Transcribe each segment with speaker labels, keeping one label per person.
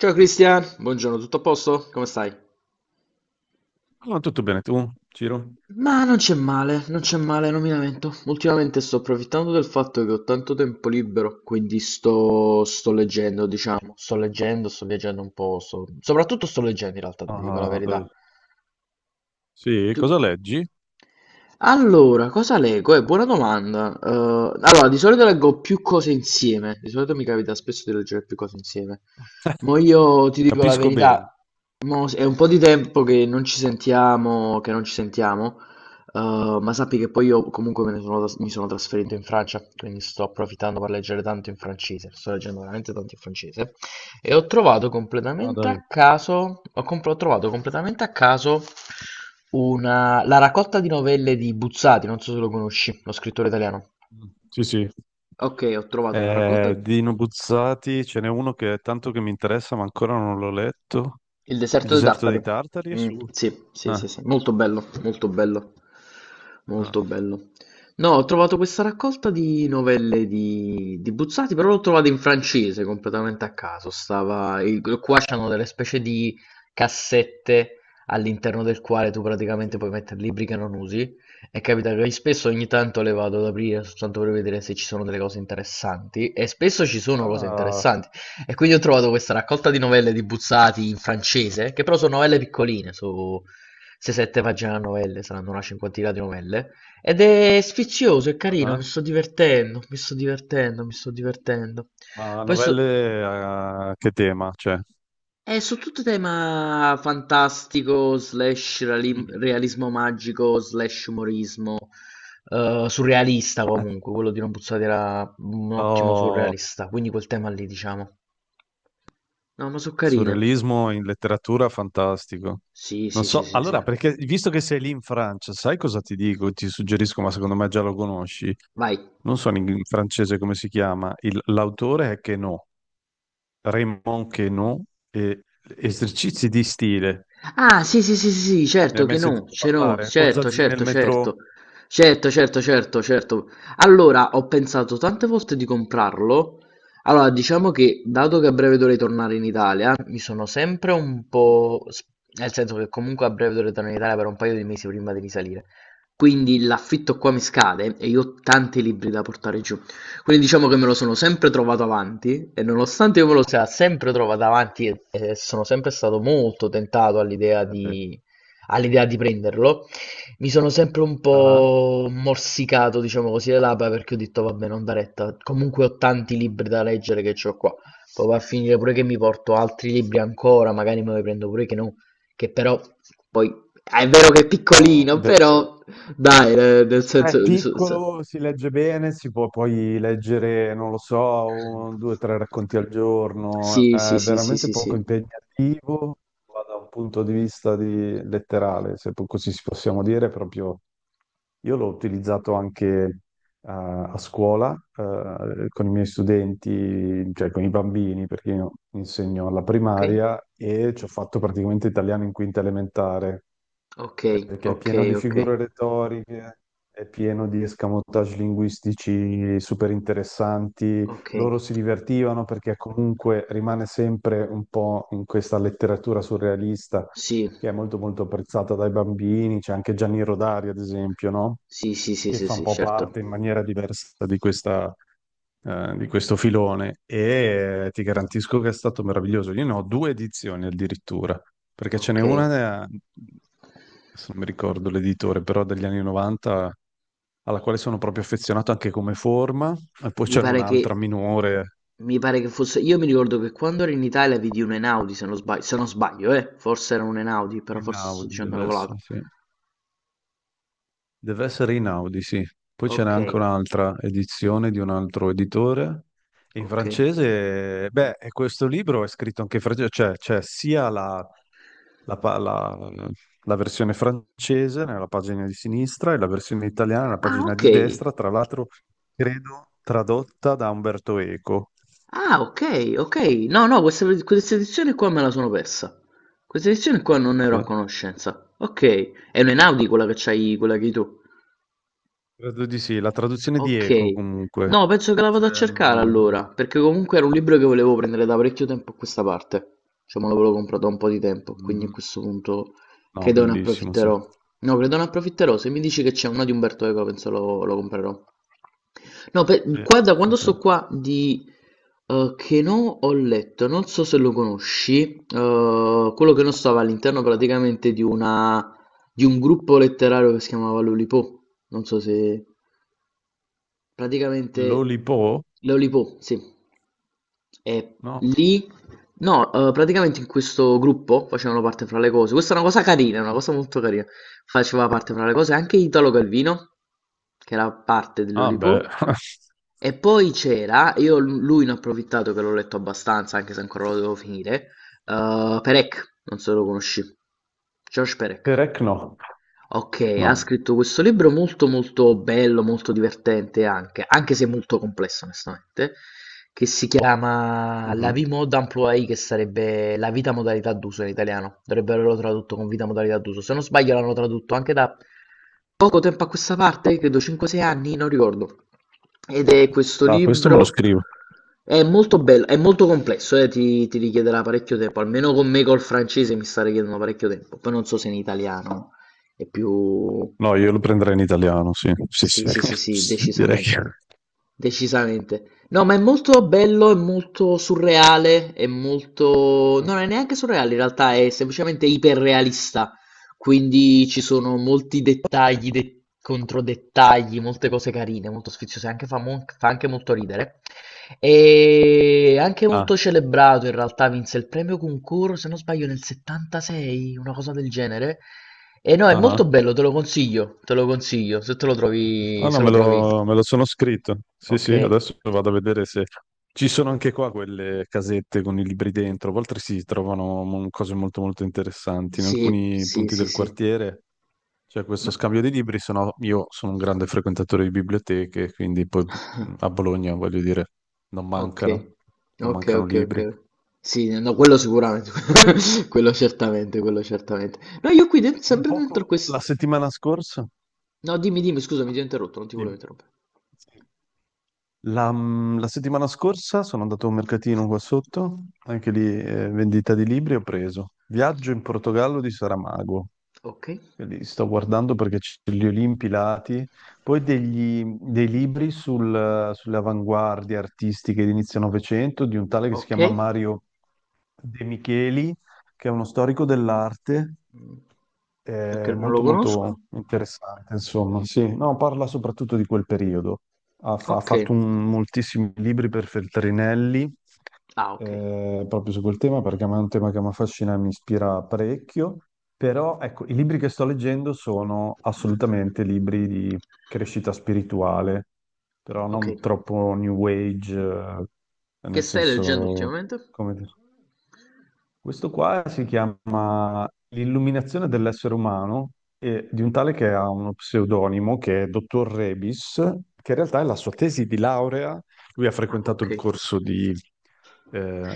Speaker 1: Ciao Cristian, buongiorno, tutto a posto? Come stai?
Speaker 2: No, tutto bene, tu, Ciro?
Speaker 1: Ma non c'è male, non c'è male, non mi lamento. Ultimamente sto approfittando del fatto che ho tanto tempo libero, quindi sto leggendo, diciamo. Sto leggendo, sto viaggiando un po', soprattutto sto leggendo in realtà, ti dico la
Speaker 2: Ah,
Speaker 1: verità.
Speaker 2: dai. Sì,
Speaker 1: Tu...
Speaker 2: cosa leggi?
Speaker 1: Allora, cosa leggo? È buona domanda. Allora, di solito leggo più cose insieme. Di solito mi capita spesso di leggere più cose insieme. Ma io ti dico la
Speaker 2: Capisco bene.
Speaker 1: verità, mo è un po' di tempo che non ci sentiamo, ma sappi che poi io comunque me ne sono tras- mi sono trasferito in Francia, quindi sto approfittando per leggere tanto in francese. Sto leggendo veramente tanto in francese. E ho trovato
Speaker 2: Ah,
Speaker 1: completamente
Speaker 2: dai.
Speaker 1: a caso, ho, comp- ho trovato completamente a caso la raccolta di novelle di Buzzati, non so se lo conosci, lo scrittore italiano.
Speaker 2: Sì, sì.
Speaker 1: Ok, ho trovato la raccolta.
Speaker 2: Di Nobuzzati ce n'è uno che è tanto che mi interessa, ma ancora non l'ho letto.
Speaker 1: Il
Speaker 2: Il
Speaker 1: deserto dei
Speaker 2: deserto
Speaker 1: Tartari.
Speaker 2: dei Tartari è
Speaker 1: Mm,
Speaker 2: su.
Speaker 1: sì, sì, sì,
Speaker 2: Ah,
Speaker 1: sì. Molto bello, molto bello,
Speaker 2: ah.
Speaker 1: molto bello. No, ho trovato questa raccolta di novelle di Buzzati, però l'ho trovata in francese completamente a caso. Qua
Speaker 2: Ah,
Speaker 1: c'hanno delle specie di cassette all'interno del quale tu praticamente
Speaker 2: sì.
Speaker 1: puoi mettere libri che non usi. E capita che spesso ogni tanto le vado ad aprire soltanto per vedere se ci sono delle cose interessanti. E spesso ci sono cose
Speaker 2: Ah,
Speaker 1: interessanti. E quindi ho trovato questa raccolta di novelle di Buzzati in francese, che però sono novelle piccoline, su 6-7 pagine a novelle, saranno una cinquantina di novelle, ed è sfizioso, è carino, mi
Speaker 2: ah.
Speaker 1: sto divertendo, mi sto divertendo, mi sto divertendo.
Speaker 2: Ma
Speaker 1: Poi so...
Speaker 2: novelle, a che tema? Cioè.
Speaker 1: È su tutto tema fantastico, slash
Speaker 2: Mhm.
Speaker 1: realismo magico, slash umorismo, surrealista comunque, quello di non Buzzati era un ottimo
Speaker 2: Oh,
Speaker 1: surrealista, quindi quel tema lì diciamo. No, ma sono carine.
Speaker 2: surrealismo in letteratura, fantastico.
Speaker 1: Sì,
Speaker 2: Non
Speaker 1: sì, sì,
Speaker 2: so,
Speaker 1: sì, sì.
Speaker 2: allora, perché visto che sei lì in Francia, sai cosa ti dico? Ti suggerisco, ma secondo me già lo conosci.
Speaker 1: Vai.
Speaker 2: Non so in francese come si chiama. L'autore è Queneau, Raymond Queneau, e
Speaker 1: Che no.
Speaker 2: Esercizi di stile.
Speaker 1: Ah, sì, sì, sì, sì, sì,
Speaker 2: Ne hai
Speaker 1: certo che
Speaker 2: mai
Speaker 1: no,
Speaker 2: sentito
Speaker 1: ce no,
Speaker 2: parlare? O
Speaker 1: certo,
Speaker 2: Zazzini nel
Speaker 1: certo,
Speaker 2: metro?
Speaker 1: certo, certo, certo, certo, certo. Allora, ho pensato tante volte di comprarlo. Allora, diciamo che,
Speaker 2: Eh,
Speaker 1: dato che a breve dovrei tornare in Italia, mi sono sempre un
Speaker 2: mm,
Speaker 1: po'. Nel senso che comunque a breve dovrei tornare in Italia per un paio di mesi prima di risalire. Quindi l'affitto qua mi scade e io ho tanti libri da portare giù. Quindi diciamo che me lo sono sempre trovato avanti e nonostante io me lo sia sempre trovato avanti e sono sempre stato molto tentato
Speaker 2: Nelle-
Speaker 1: all'idea di prenderlo, mi sono sempre un
Speaker 2: Ah,
Speaker 1: po' morsicato, diciamo così, le labbra perché ho detto vabbè, non da retta, comunque ho tanti libri da leggere che ho qua. Poi va a finire pure che mi porto altri libri ancora, magari me ne prendo pure che no, che però poi è vero che è
Speaker 2: No,
Speaker 1: piccolino,
Speaker 2: de-
Speaker 1: però dai, nel
Speaker 2: È
Speaker 1: senso... so
Speaker 2: piccolo, si legge bene, si può poi leggere, non lo so, un, due, tre racconti al giorno,
Speaker 1: sì, sì,
Speaker 2: è
Speaker 1: sì, sì,
Speaker 2: veramente
Speaker 1: sì,
Speaker 2: poco
Speaker 1: sì.
Speaker 2: impegnativo, ma da un punto di vista letterale, se po- così si possiamo dire, proprio io l'ho utilizzato anche, a scuola, con i miei studenti, cioè con i bambini, perché io insegno alla
Speaker 1: Okay?
Speaker 2: primaria e ci ho fatto praticamente italiano in quinta elementare,
Speaker 1: Okay,
Speaker 2: perché è pieno
Speaker 1: okay,
Speaker 2: di
Speaker 1: okay,
Speaker 2: figure retoriche, è pieno di escamotage linguistici super interessanti.
Speaker 1: okay.
Speaker 2: Loro si divertivano perché comunque rimane sempre un po' in questa letteratura surrealista
Speaker 1: Sì.
Speaker 2: che è molto molto apprezzata dai bambini. C'è anche Gianni Rodari, ad esempio, no?
Speaker 1: Sì, sì, sì,
Speaker 2: Che
Speaker 1: sì,
Speaker 2: fa un
Speaker 1: sì,
Speaker 2: po' parte
Speaker 1: certo.
Speaker 2: in maniera diversa di questo filone, e ti garantisco che è stato meraviglioso. Io ne ho due edizioni addirittura, perché ce n'è
Speaker 1: Okay.
Speaker 2: una, adesso non mi ricordo l'editore, però degli anni '90, alla quale sono proprio affezionato anche come forma, e poi
Speaker 1: Mi
Speaker 2: c'era
Speaker 1: pare
Speaker 2: un'altra
Speaker 1: che
Speaker 2: minore,
Speaker 1: mi pare che fosse, io mi ricordo che quando ero in Italia vidi un Einaudi se non sbaglio, forse era un Einaudi, però
Speaker 2: in
Speaker 1: forse sto
Speaker 2: Audi
Speaker 1: dicendo una
Speaker 2: deve essere,
Speaker 1: cavolata.
Speaker 2: sì. Deve essere Inaudi, sì. Poi ce n'è anche
Speaker 1: Okay,
Speaker 2: un'altra edizione di un altro editore. In
Speaker 1: okay.
Speaker 2: francese, beh, e questo libro è scritto anche in francese, cioè c'è sia la pa- la- la versione francese nella pagina di sinistra e la versione italiana nella
Speaker 1: Ah,
Speaker 2: pagina di
Speaker 1: okay.
Speaker 2: destra, tra l'altro credo tradotta da Umberto Eco.
Speaker 1: Ah, ok, ok. No, no, questa edizione qua me la sono persa. Questa edizione qua non ne ero a
Speaker 2: Sì.
Speaker 1: conoscenza. Ok, è un'Enaudi quella che c'hai, quella che hai tu.
Speaker 2: Credo di sì, la traduzione di
Speaker 1: Ok.
Speaker 2: Eco comunque.
Speaker 1: No, penso che la vado a
Speaker 2: Cioè,
Speaker 1: cercare
Speaker 2: mm, mm,
Speaker 1: allora, perché comunque era un libro che volevo prendere da parecchio tempo a questa parte. Cioè, me l'avevo comprato da un po' di tempo, quindi a
Speaker 2: mm,
Speaker 1: questo punto
Speaker 2: no,
Speaker 1: credo ne
Speaker 2: bellissimo, sì.
Speaker 1: approfitterò. No, credo ne approfitterò. Se mi dici che c'è uno di Umberto Eco, penso lo comprerò. No, beh,
Speaker 2: Sì,
Speaker 1: da
Speaker 2: sì,
Speaker 1: quando
Speaker 2: sì.
Speaker 1: sto qua di che no ho letto, non so se lo conosci, quello che non stava all'interno praticamente di una di un gruppo letterario che si chiamava Lollipop. Non so se. Praticamente.
Speaker 2: L'Olipo?
Speaker 1: Lollipop, sì. E
Speaker 2: No.
Speaker 1: lì, no, praticamente in questo gruppo facevano parte fra le cose. Questa è una cosa carina, è una
Speaker 2: Mhm.
Speaker 1: cosa molto carina. Faceva parte fra le cose anche Italo Calvino, che era parte di
Speaker 2: Ah, beh.
Speaker 1: Lollipop. E poi c'era, io lui ne ho approfittato che l'ho letto abbastanza, anche se ancora lo devo finire. Perec, non so se lo conosci. George Perec.
Speaker 2: Perec no.
Speaker 1: Okay, ha
Speaker 2: No.
Speaker 1: scritto questo libro molto, molto bello, molto divertente anche, anche se molto complesso onestamente, che si chiama La
Speaker 2: Mhm.
Speaker 1: vie mode employée, che sarebbe La vita modalità d'uso in italiano. Dovrebbero averlo tradotto con vita modalità d'uso. Se non sbaglio l'hanno tradotto anche da poco tempo a questa parte, credo 5-6 anni, non ricordo. Ed è questo
Speaker 2: Ah, questo me lo
Speaker 1: libro,
Speaker 2: scrivo.
Speaker 1: è molto bello, è molto complesso, ti richiederà parecchio tempo, almeno con me col francese mi sta richiedendo parecchio tempo, poi non so se in italiano. È più...
Speaker 2: No, io lo prenderei in italiano, sì. Sì,
Speaker 1: Sì,
Speaker 2: sì.
Speaker 1: sì, sì, sì,
Speaker 2: Direi
Speaker 1: decisamente.
Speaker 2: che.
Speaker 1: Decisamente. No, ma è molto bello, è molto surreale, è molto... no, non è
Speaker 2: Mhm.
Speaker 1: neanche surreale, in realtà è semplicemente iperrealista. Quindi ci sono molti dettagli, controdettagli, molte cose carine, molto sfiziose, anche fa anche molto ridere. E anche molto
Speaker 2: Ah,
Speaker 1: celebrato in realtà, vinse il premio concorso, se non sbaglio, nel 76, una cosa del genere. E no, è
Speaker 2: ah,
Speaker 1: molto
Speaker 2: ah.
Speaker 1: bello, te lo consiglio, se te lo
Speaker 2: Ah,
Speaker 1: trovi,
Speaker 2: no,
Speaker 1: se lo
Speaker 2: me
Speaker 1: trovi.
Speaker 2: lo, me lo sono scritto. Sì,
Speaker 1: Ok.
Speaker 2: sì, adesso vado a vedere se. Ci sono anche qua quelle casette con i libri dentro. A volte si trovano cose molto, molto interessanti. In
Speaker 1: Sì,
Speaker 2: alcuni
Speaker 1: sì,
Speaker 2: punti
Speaker 1: sì,
Speaker 2: del
Speaker 1: sì.
Speaker 2: quartiere c'è questo
Speaker 1: Ma...
Speaker 2: scambio di libri, se no io sono un grande frequentatore di biblioteche, quindi poi, a Bologna, voglio dire, non
Speaker 1: Ok,
Speaker 2: mancano, non
Speaker 1: ok,
Speaker 2: mancano
Speaker 1: ok, ok.
Speaker 2: libri.
Speaker 1: Sì, no, quello sicuramente, quello certamente, quello certamente. No, io qui
Speaker 2: Un
Speaker 1: sempre dentro
Speaker 2: poco la
Speaker 1: questo...
Speaker 2: settimana scorsa,
Speaker 1: No, dimmi, dimmi, scusami, ti ho interrotto, non ti volevo
Speaker 2: dimmi.
Speaker 1: interrompere.
Speaker 2: La settimana scorsa sono andato a un mercatino qua sotto, anche lì, vendita di libri, ho preso Viaggio in Portogallo di Saramago.
Speaker 1: Ok,
Speaker 2: Li sto guardando perché c'è gli Olimpi Lati, poi dei libri sulle avanguardie artistiche di inizio Novecento di un tale che si
Speaker 1: ok.
Speaker 2: chiama Mario De Micheli, che è uno storico dell'arte,
Speaker 1: Mm, ok, non lo
Speaker 2: molto
Speaker 1: conosco.
Speaker 2: molto interessante, insomma. Sì, no, parla soprattutto di quel periodo. Ha, fa- ha
Speaker 1: Ok.
Speaker 2: fatto un- moltissimi libri per Feltrinelli,
Speaker 1: Ah, ok.
Speaker 2: proprio su quel tema perché a me è un tema che mi affascina e mi ispira parecchio, però ecco, i libri che sto leggendo sono assolutamente libri di crescita spirituale, però
Speaker 1: Ok.
Speaker 2: non troppo new age,
Speaker 1: Che
Speaker 2: nel
Speaker 1: stai leggendo
Speaker 2: senso,
Speaker 1: ultimamente?
Speaker 2: come dire. Questo qua si chiama L'illuminazione dell'essere umano, e di un tale che ha uno pseudonimo che è Dottor Rebis, che in realtà è la sua tesi di laurea. Lui ha
Speaker 1: Ah,
Speaker 2: frequentato
Speaker 1: ok.
Speaker 2: il corso di eh,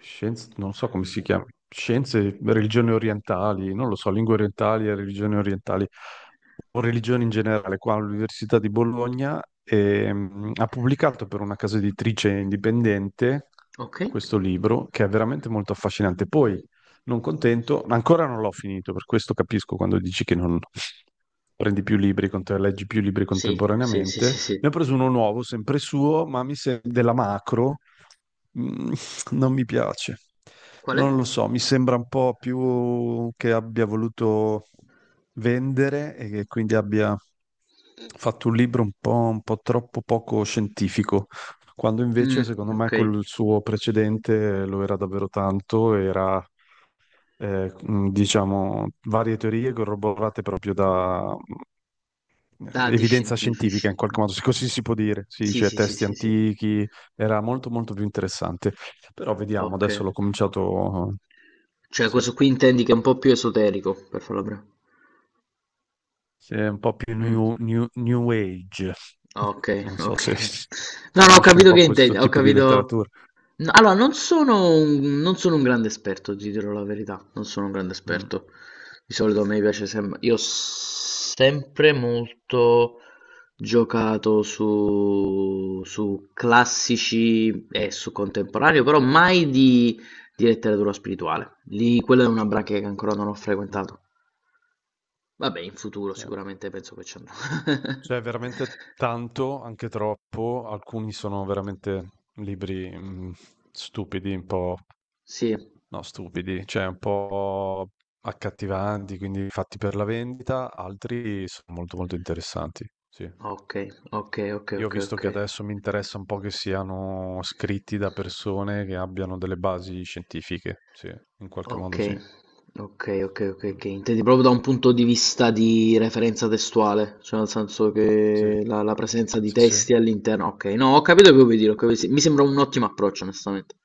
Speaker 2: scienze, non so come si chiama, scienze, religioni orientali, non lo so, lingue orientali e religioni orientali, o religioni in generale, qua all'Università di Bologna. Ha pubblicato per una casa editrice indipendente
Speaker 1: Ok.
Speaker 2: questo libro che è veramente molto affascinante. Poi, non contento, ancora non l'ho finito, per questo capisco quando dici che non, prendi più libri, leggi più libri
Speaker 1: Sì, sì, sì, sì,
Speaker 2: contemporaneamente. Ne ho
Speaker 1: sì.
Speaker 2: preso uno nuovo, sempre suo, ma mi sembra della macro. Mm, Non mi piace.
Speaker 1: Qual
Speaker 2: Non
Speaker 1: è?
Speaker 2: lo so, mi sembra un po' più che abbia voluto vendere e che quindi abbia fatto un libro un po' troppo poco scientifico, quando
Speaker 1: Mm,
Speaker 2: invece secondo me
Speaker 1: ok.
Speaker 2: quel suo precedente lo era davvero tanto, era diciamo varie teorie corroborate proprio da
Speaker 1: Dati
Speaker 2: evidenza
Speaker 1: scientifici.
Speaker 2: scientifica, in qualche
Speaker 1: Mm.
Speaker 2: modo, se così si può dire, si
Speaker 1: Sì,
Speaker 2: dice
Speaker 1: sì, sì,
Speaker 2: testi
Speaker 1: sì, sì.
Speaker 2: antichi, era molto molto più interessante. Però vediamo,
Speaker 1: Ok.
Speaker 2: adesso l'ho cominciato,
Speaker 1: Cioè,
Speaker 2: sì,
Speaker 1: questo qui intendi che è un po' più esoterico, per farlo breve.
Speaker 2: sì, è un po' più
Speaker 1: Mh,
Speaker 2: new age,
Speaker 1: okay,
Speaker 2: non so
Speaker 1: okay.
Speaker 2: se
Speaker 1: No, no, ho
Speaker 2: conosci un
Speaker 1: capito
Speaker 2: po'
Speaker 1: che intendi,
Speaker 2: questo
Speaker 1: ho
Speaker 2: tipo di
Speaker 1: capito
Speaker 2: letteratura.
Speaker 1: n allora non sono un, non sono un grande esperto, ti dirò la verità, non sono un grande
Speaker 2: Mm,
Speaker 1: esperto. Di solito a me piace sem io ho sempre molto giocato su classici e su contemporaneo, però mai di letteratura spirituale. Lì quella è una branca che ancora non ho
Speaker 2: mm,
Speaker 1: frequentato. Vabbè, in futuro
Speaker 2: sì.
Speaker 1: sicuramente penso che ci andrò.
Speaker 2: C'è veramente tanto, anche troppo, alcuni sono veramente libri, stupidi, un po'.
Speaker 1: Sì.
Speaker 2: No, stupidi, cioè un po' accattivanti, quindi fatti per la vendita, altri sono molto molto interessanti, sì.
Speaker 1: Okay, okay, okay,
Speaker 2: Io ho
Speaker 1: okay,
Speaker 2: visto che
Speaker 1: okay.
Speaker 2: adesso mi interessa un po' che siano scritti da persone che abbiano delle basi scientifiche, sì, in qualche modo sì.
Speaker 1: Okay, okay, okay, okay,
Speaker 2: Mm.
Speaker 1: okay. Intendi proprio da un punto di vista di referenza testuale, cioè nel senso
Speaker 2: Sì,
Speaker 1: che la presenza di
Speaker 2: sì, sì.
Speaker 1: testi all'interno, okay, no, ho capito che vuoi dire, ho capi sì, mi sembra un ottimo approccio onestamente.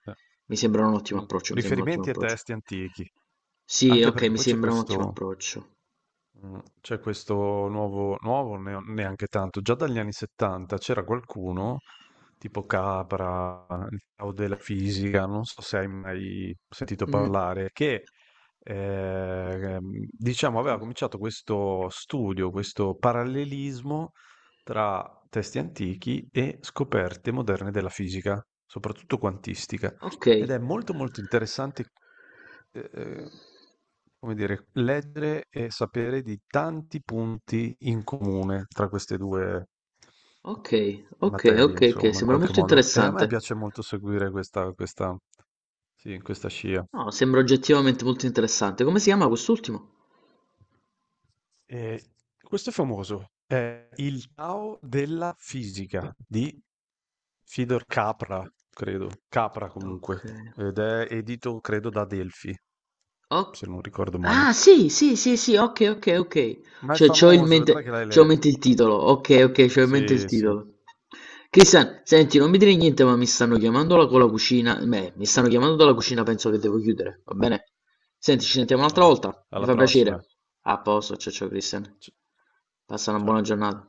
Speaker 1: Mi sembra un ottimo
Speaker 2: Mm.
Speaker 1: approccio, mi sembra un ottimo
Speaker 2: Riferimenti a
Speaker 1: approccio.
Speaker 2: testi antichi,
Speaker 1: Sì,
Speaker 2: anche
Speaker 1: okay,
Speaker 2: perché
Speaker 1: mi
Speaker 2: poi
Speaker 1: sembra un ottimo approccio.
Speaker 2: C'è questo nuovo nuovo neo neanche tanto, già dagli anni '70 c'era qualcuno, tipo Capra, il Tao della fisica, non so se hai mai sentito
Speaker 1: Mh,
Speaker 2: parlare, che, ehm, diciamo aveva cominciato questo studio, questo parallelismo tra testi antichi e scoperte moderne della fisica, soprattutto quantistica. Ed
Speaker 1: okay,
Speaker 2: è molto, molto interessante, ehm, come dire, leggere e sapere di tanti punti in comune tra queste due
Speaker 1: okay, okay,
Speaker 2: materie,
Speaker 1: okay, okay,
Speaker 2: insomma, in
Speaker 1: sembra
Speaker 2: qualche
Speaker 1: molto
Speaker 2: modo. E a me
Speaker 1: interessante.
Speaker 2: piace molto seguire, sì, questa scia.
Speaker 1: No, sembra oggettivamente molto interessante. Come si chiama quest'ultimo?
Speaker 2: E questo è famoso, è il Tao della fisica di Fidor Capra, credo, Capra comunque,
Speaker 1: Ok.
Speaker 2: ed è edito, credo, da Delphi,
Speaker 1: Oh.
Speaker 2: se non ricordo male.
Speaker 1: Ah, sì, sì, sì, sì, ok, ok, ok.
Speaker 2: Ma è
Speaker 1: Cioè,
Speaker 2: famoso, vedrai che l'hai
Speaker 1: c'ho in
Speaker 2: letto.
Speaker 1: mente il titolo. Ok, ok, c'ho in mente il
Speaker 2: Sì, sì,
Speaker 1: titolo. Cristian, senti, non mi dire niente, ma mi stanno chiamando con la cucina. Beh, mi stanno chiamando dalla cucina, penso che devo chiudere, va bene? Senti, ci sentiamo un'altra
Speaker 2: vai.
Speaker 1: volta. Mi
Speaker 2: Alla
Speaker 1: fa
Speaker 2: prossima.
Speaker 1: piacere. A posto, ciao ciao Cristian.
Speaker 2: Ci-
Speaker 1: Passa una buona
Speaker 2: Ciao.
Speaker 1: giornata.